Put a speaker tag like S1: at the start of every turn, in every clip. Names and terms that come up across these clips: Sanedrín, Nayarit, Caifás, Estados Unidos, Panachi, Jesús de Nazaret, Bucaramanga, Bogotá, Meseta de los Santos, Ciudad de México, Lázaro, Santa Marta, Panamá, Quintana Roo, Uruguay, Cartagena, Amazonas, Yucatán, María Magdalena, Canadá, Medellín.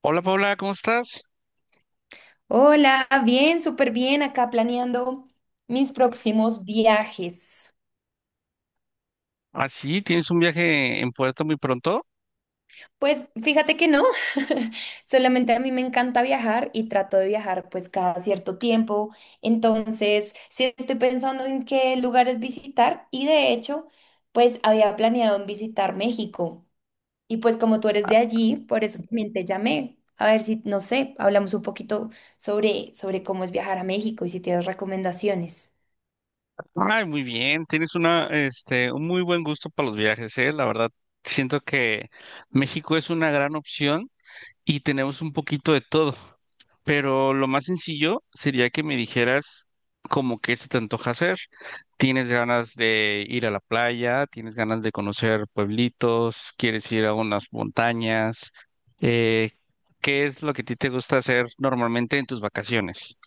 S1: Hola Paula, ¿cómo estás?
S2: Hola, bien, súper bien, acá planeando mis próximos viajes.
S1: Así, tienes un viaje en puerto muy pronto.
S2: Pues fíjate que no, solamente a mí me encanta viajar y trato de viajar pues cada cierto tiempo. Entonces, sí estoy pensando en qué lugares visitar y de hecho, pues había planeado en visitar México. Y pues como tú eres de allí, por eso también te llamé. A ver si, no sé, hablamos un poquito sobre cómo es viajar a México y si tienes recomendaciones.
S1: Ay, muy bien, tienes un muy buen gusto para los viajes, ¿eh? La verdad, siento que México es una gran opción y tenemos un poquito de todo. Pero lo más sencillo sería que me dijeras como qué se te antoja hacer. ¿Tienes ganas de ir a la playa? ¿Tienes ganas de conocer pueblitos? ¿Quieres ir a unas montañas? Eh, ¿Qué es lo que a ti te gusta hacer normalmente en tus vacaciones?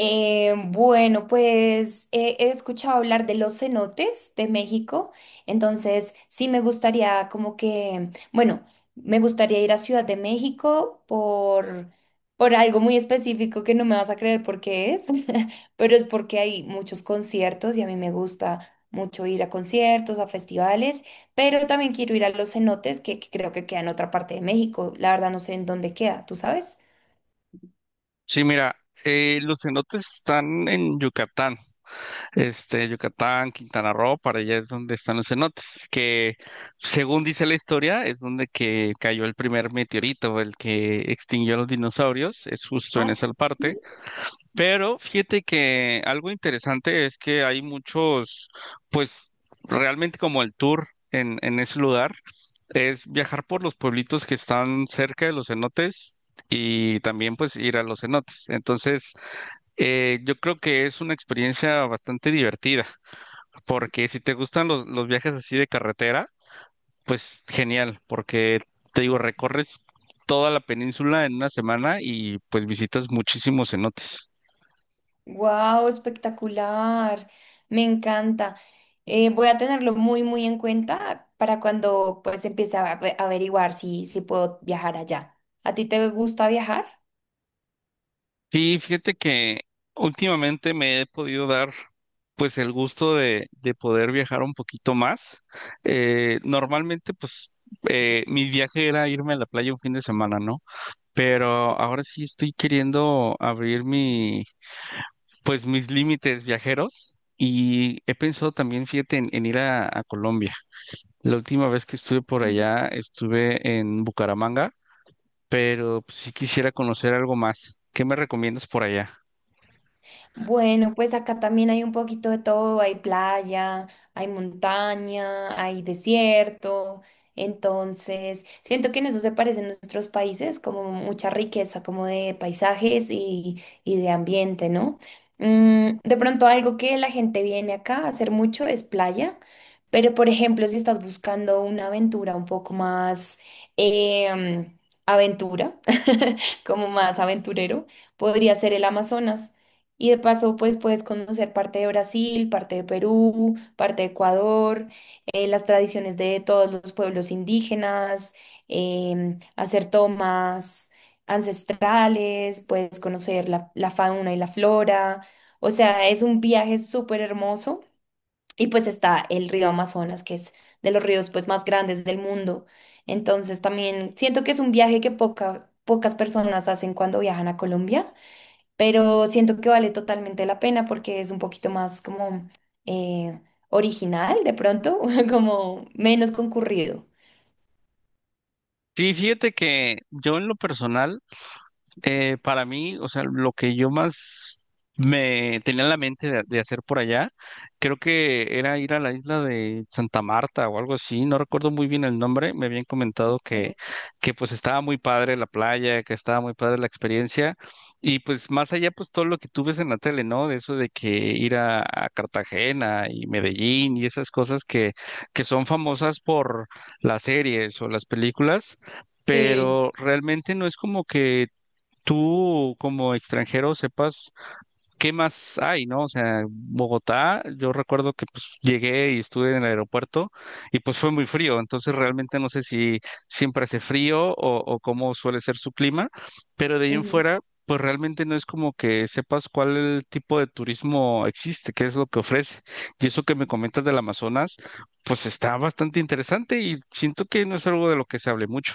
S2: Bueno, pues he escuchado hablar de los cenotes de México, entonces sí me gustaría como que, bueno, me gustaría ir a Ciudad de México por algo muy específico que no me vas a creer por qué es, pero es porque hay muchos conciertos y a mí me gusta mucho ir a conciertos, a festivales, pero también quiero ir a los cenotes que creo que queda en otra parte de México, la verdad no sé en dónde queda, ¿tú sabes?
S1: Sí, mira, los cenotes están en Yucatán. Este, Yucatán, Quintana Roo, para allá es donde están los cenotes, que según dice la historia, es donde que cayó el primer meteorito, el que extinguió a los dinosaurios, es justo
S2: Ah,
S1: en esa parte.
S2: sí.
S1: Pero fíjate que algo interesante es que hay muchos, pues realmente como el tour. En ese lugar es viajar por los pueblitos que están cerca de los cenotes y también pues ir a los cenotes. Entonces, yo creo que es una experiencia bastante divertida. Porque si te gustan los viajes así de carretera, pues genial, porque te digo, recorres toda la península en una semana y pues visitas muchísimos cenotes.
S2: Wow, espectacular. Me encanta. Voy a tenerlo muy, muy en cuenta para cuando pues empiece a averiguar si puedo viajar allá. ¿A ti te gusta viajar?
S1: Sí, fíjate que últimamente me he podido dar pues el gusto de poder viajar un poquito más. Normalmente pues mi viaje era irme a la playa un fin de semana, ¿no? Pero
S2: Sí.
S1: ahora sí estoy queriendo abrir mi, pues, mis límites viajeros y he pensado también, fíjate, en ir a Colombia. La última vez que estuve por allá estuve en Bucaramanga, pero pues sí quisiera conocer algo más. ¿Qué me recomiendas por allá?
S2: Bueno, pues acá también hay un poquito de todo, hay playa, hay montaña, hay desierto, entonces siento que en eso se parecen nuestros países, como mucha riqueza, como de paisajes y de ambiente, ¿no? Mm, de pronto algo que la gente viene acá a hacer mucho es playa, pero por ejemplo, si estás buscando una aventura un poco más em, aventura, como más aventurero, podría ser el Amazonas. Y de paso, pues puedes conocer parte de Brasil, parte de Perú, parte de Ecuador, las tradiciones de todos los pueblos indígenas, hacer tomas ancestrales, puedes conocer la fauna y la flora. O sea, es un viaje súper hermoso. Y pues está el río Amazonas, que es de los ríos pues más grandes del mundo. Entonces también siento que es un viaje que pocas personas hacen cuando viajan a Colombia, pero siento que vale totalmente la pena porque es un poquito más como eh, original de pronto, como menos concurrido.
S1: Sí, fíjate que yo en lo personal, para mí, o sea, lo que yo más me tenía en la mente de hacer por allá, creo que era ir a la isla de Santa Marta o algo así, no recuerdo muy bien el nombre, me habían comentado
S2: Mm.
S1: que pues estaba muy padre la playa, que estaba muy padre la experiencia, y pues más allá pues todo lo que tú ves en la tele, ¿no? De eso de que ir a Cartagena y Medellín y esas cosas que son famosas por las series o las películas,
S2: Sí.
S1: pero realmente no es como que tú como extranjero sepas qué más hay, ¿no? O sea, Bogotá, yo recuerdo que pues llegué y estuve en el aeropuerto y pues fue muy frío, entonces realmente no sé si siempre hace frío o cómo suele ser su clima, pero de ahí en fuera, pues realmente no es como que sepas cuál tipo de turismo existe, qué es lo que ofrece. Y eso que me comentas del Amazonas, pues está bastante interesante y siento que no es algo de lo que se hable mucho.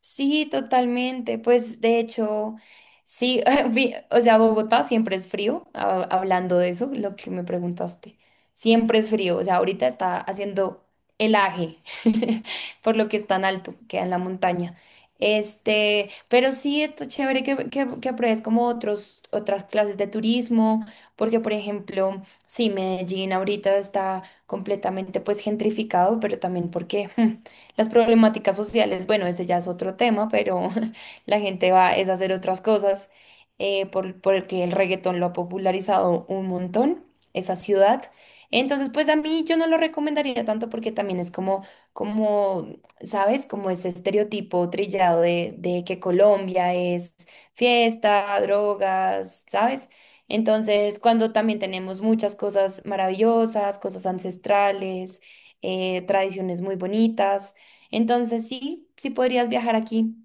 S2: Sí, totalmente. Pues de hecho, sí, o sea, Bogotá siempre es frío, hablando de eso, lo que me preguntaste. Siempre es frío, o sea, ahorita está haciendo helaje, por lo que es tan alto, queda en la montaña. Este, pero sí está chévere que apruebes como otros, otras clases de turismo, porque por ejemplo, sí, Medellín ahorita está completamente pues gentrificado, pero también porque las problemáticas sociales, bueno, ese ya es otro tema, pero la gente va es a hacer otras cosas porque el reggaetón lo ha popularizado un montón, esa ciudad. Entonces, pues a mí yo no lo recomendaría tanto porque también es como, como, ¿sabes? Como ese estereotipo trillado de que Colombia es fiesta, drogas, ¿sabes? Entonces, cuando también tenemos muchas cosas maravillosas, cosas ancestrales, tradiciones muy bonitas. Entonces sí, sí podrías viajar aquí.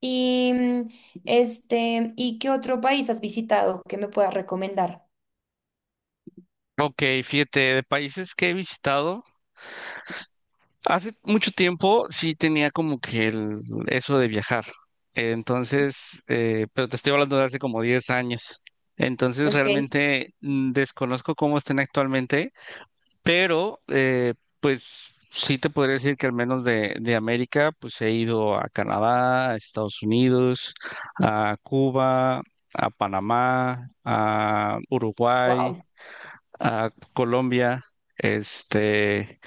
S2: Y mm, este, ¿y qué otro país has visitado que me puedas recomendar?
S1: Ok, fíjate, de países que he visitado. Hace mucho tiempo sí tenía como que el, eso de viajar. Entonces, pero te estoy hablando de hace como 10 años. Entonces,
S2: Okay.
S1: realmente, desconozco cómo estén actualmente, pero pues sí te podría decir que al menos de América, pues he ido a Canadá, a Estados Unidos, a Cuba, a Panamá, a Uruguay,
S2: Wow.
S1: a Colombia. Este,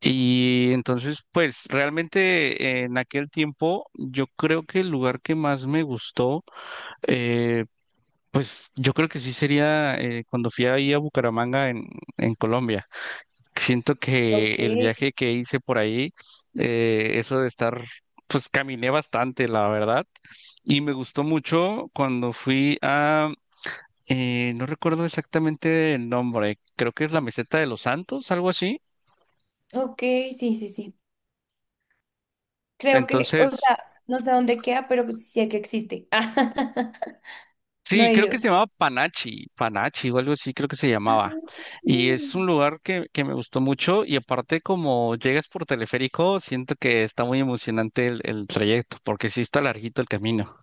S1: y entonces, pues realmente en aquel tiempo, yo creo que el lugar que más me gustó, eh, pues yo creo que sí sería, cuando fui ahí a Bucaramanga en Colombia. Siento que el
S2: Okay,
S1: viaje que hice por ahí, eso de estar, pues caminé bastante, la verdad. Y me gustó mucho cuando fui a, no recuerdo exactamente el nombre, creo que es la Meseta de los Santos, algo así.
S2: okay, sí, sí, sí. Creo que, o
S1: Entonces,
S2: sea, no sé dónde queda, pero pues sí sé que existe. No
S1: sí,
S2: he
S1: creo que
S2: ido.
S1: se llamaba Panachi, Panachi o algo así, creo que se llamaba. Y es un lugar que me gustó mucho y aparte como llegas por teleférico, siento que está muy emocionante el trayecto porque sí está larguito el camino.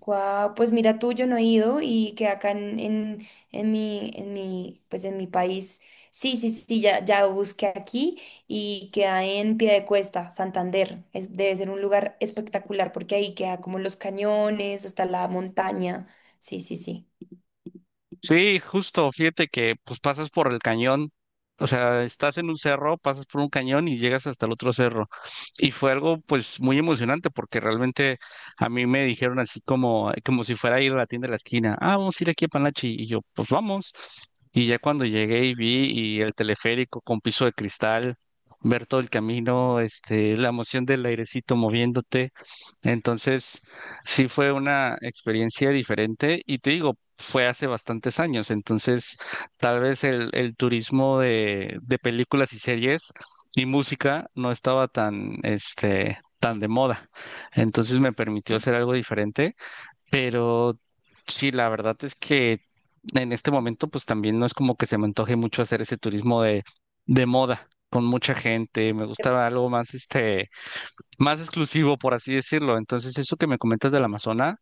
S2: Guau, pues mira tú, yo no he ido y que acá en mi, pues en mi país, sí, sí, sí, sí, ya, ya busqué aquí y queda en Piedecuesta, Santander. Es, debe ser un lugar espectacular porque ahí queda como los cañones, hasta la montaña. Sí, sí, sí.
S1: Sí, justo, fíjate que pues pasas por el cañón, o sea, estás en un cerro, pasas por un cañón y llegas hasta el otro cerro. Y fue algo pues muy emocionante porque realmente a mí me dijeron así como, como si fuera a ir a la tienda de la esquina, ah, vamos a ir aquí a Panachi y yo, pues vamos. Y ya cuando llegué y vi y el teleférico con piso de cristal, ver todo el camino, este, la emoción del airecito moviéndote. Entonces, sí, fue una experiencia diferente y te digo, fue hace bastantes años, entonces tal vez el turismo de películas y series y música no estaba tan, este, tan de moda, entonces me permitió hacer algo diferente, pero sí, la verdad es que en este momento pues también no es como que se me antoje mucho hacer ese turismo de moda, con mucha gente, me gustaba algo más, este, más exclusivo, por así decirlo. Entonces, eso que me comentas del Amazonas,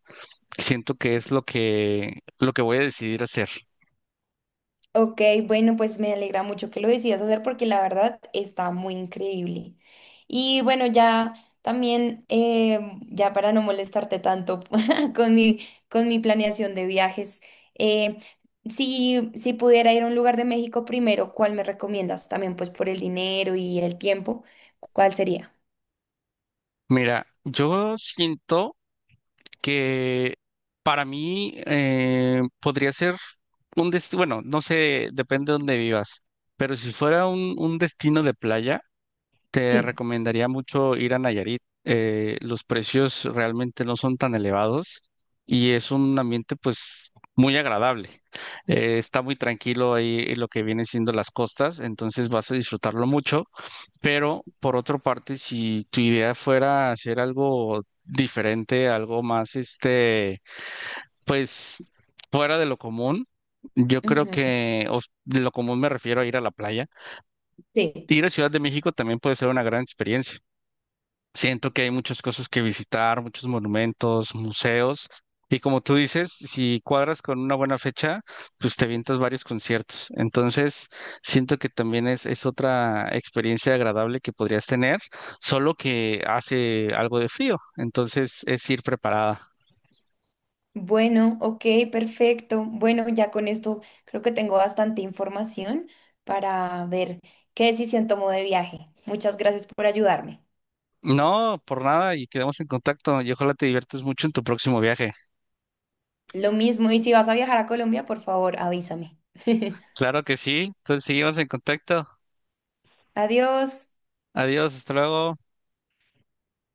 S1: siento que es lo que voy a decidir hacer.
S2: Ok, bueno, pues me alegra mucho que lo decidas hacer porque la verdad está muy increíble. Y bueno, ya también, ya para no molestarte tanto con mi, con mi planeación de viajes, eh, si pudiera ir a un lugar de México primero, ¿cuál me recomiendas? También pues por el dinero y el tiempo, ¿cuál sería?
S1: Mira, yo siento que para mí, podría ser un destino, bueno, no sé, depende de dónde vivas, pero si fuera un destino de playa, te
S2: Sí,
S1: recomendaría mucho ir a Nayarit. Los precios realmente no son tan elevados y es un ambiente pues muy agradable. Está muy tranquilo ahí lo que vienen siendo las costas, entonces vas a disfrutarlo mucho. Pero por otra parte, si tu idea fuera hacer algo diferente, algo más, este, pues fuera de lo común, yo creo
S2: ujú,
S1: que o s- de lo común me refiero a ir a la playa.
S2: sí.
S1: Ir a Ciudad de México también puede ser una gran experiencia. Siento que hay muchas cosas que visitar, muchos monumentos, museos. Y como tú dices, si cuadras con una buena fecha, pues te vientas varios conciertos. Entonces, siento que también es otra experiencia agradable que podrías tener, solo que hace algo de frío. Entonces, es ir preparada.
S2: Bueno, ok, perfecto. Bueno, ya con esto creo que tengo bastante información para ver qué decisión tomo de viaje. Muchas gracias por ayudarme.
S1: No, por nada, y quedamos en contacto. Y ojalá te diviertas mucho en tu próximo viaje.
S2: Lo mismo, y si vas a viajar a Colombia, por favor, avísame.
S1: Claro que sí. Entonces, seguimos en contacto.
S2: Adiós.
S1: Adiós, hasta luego.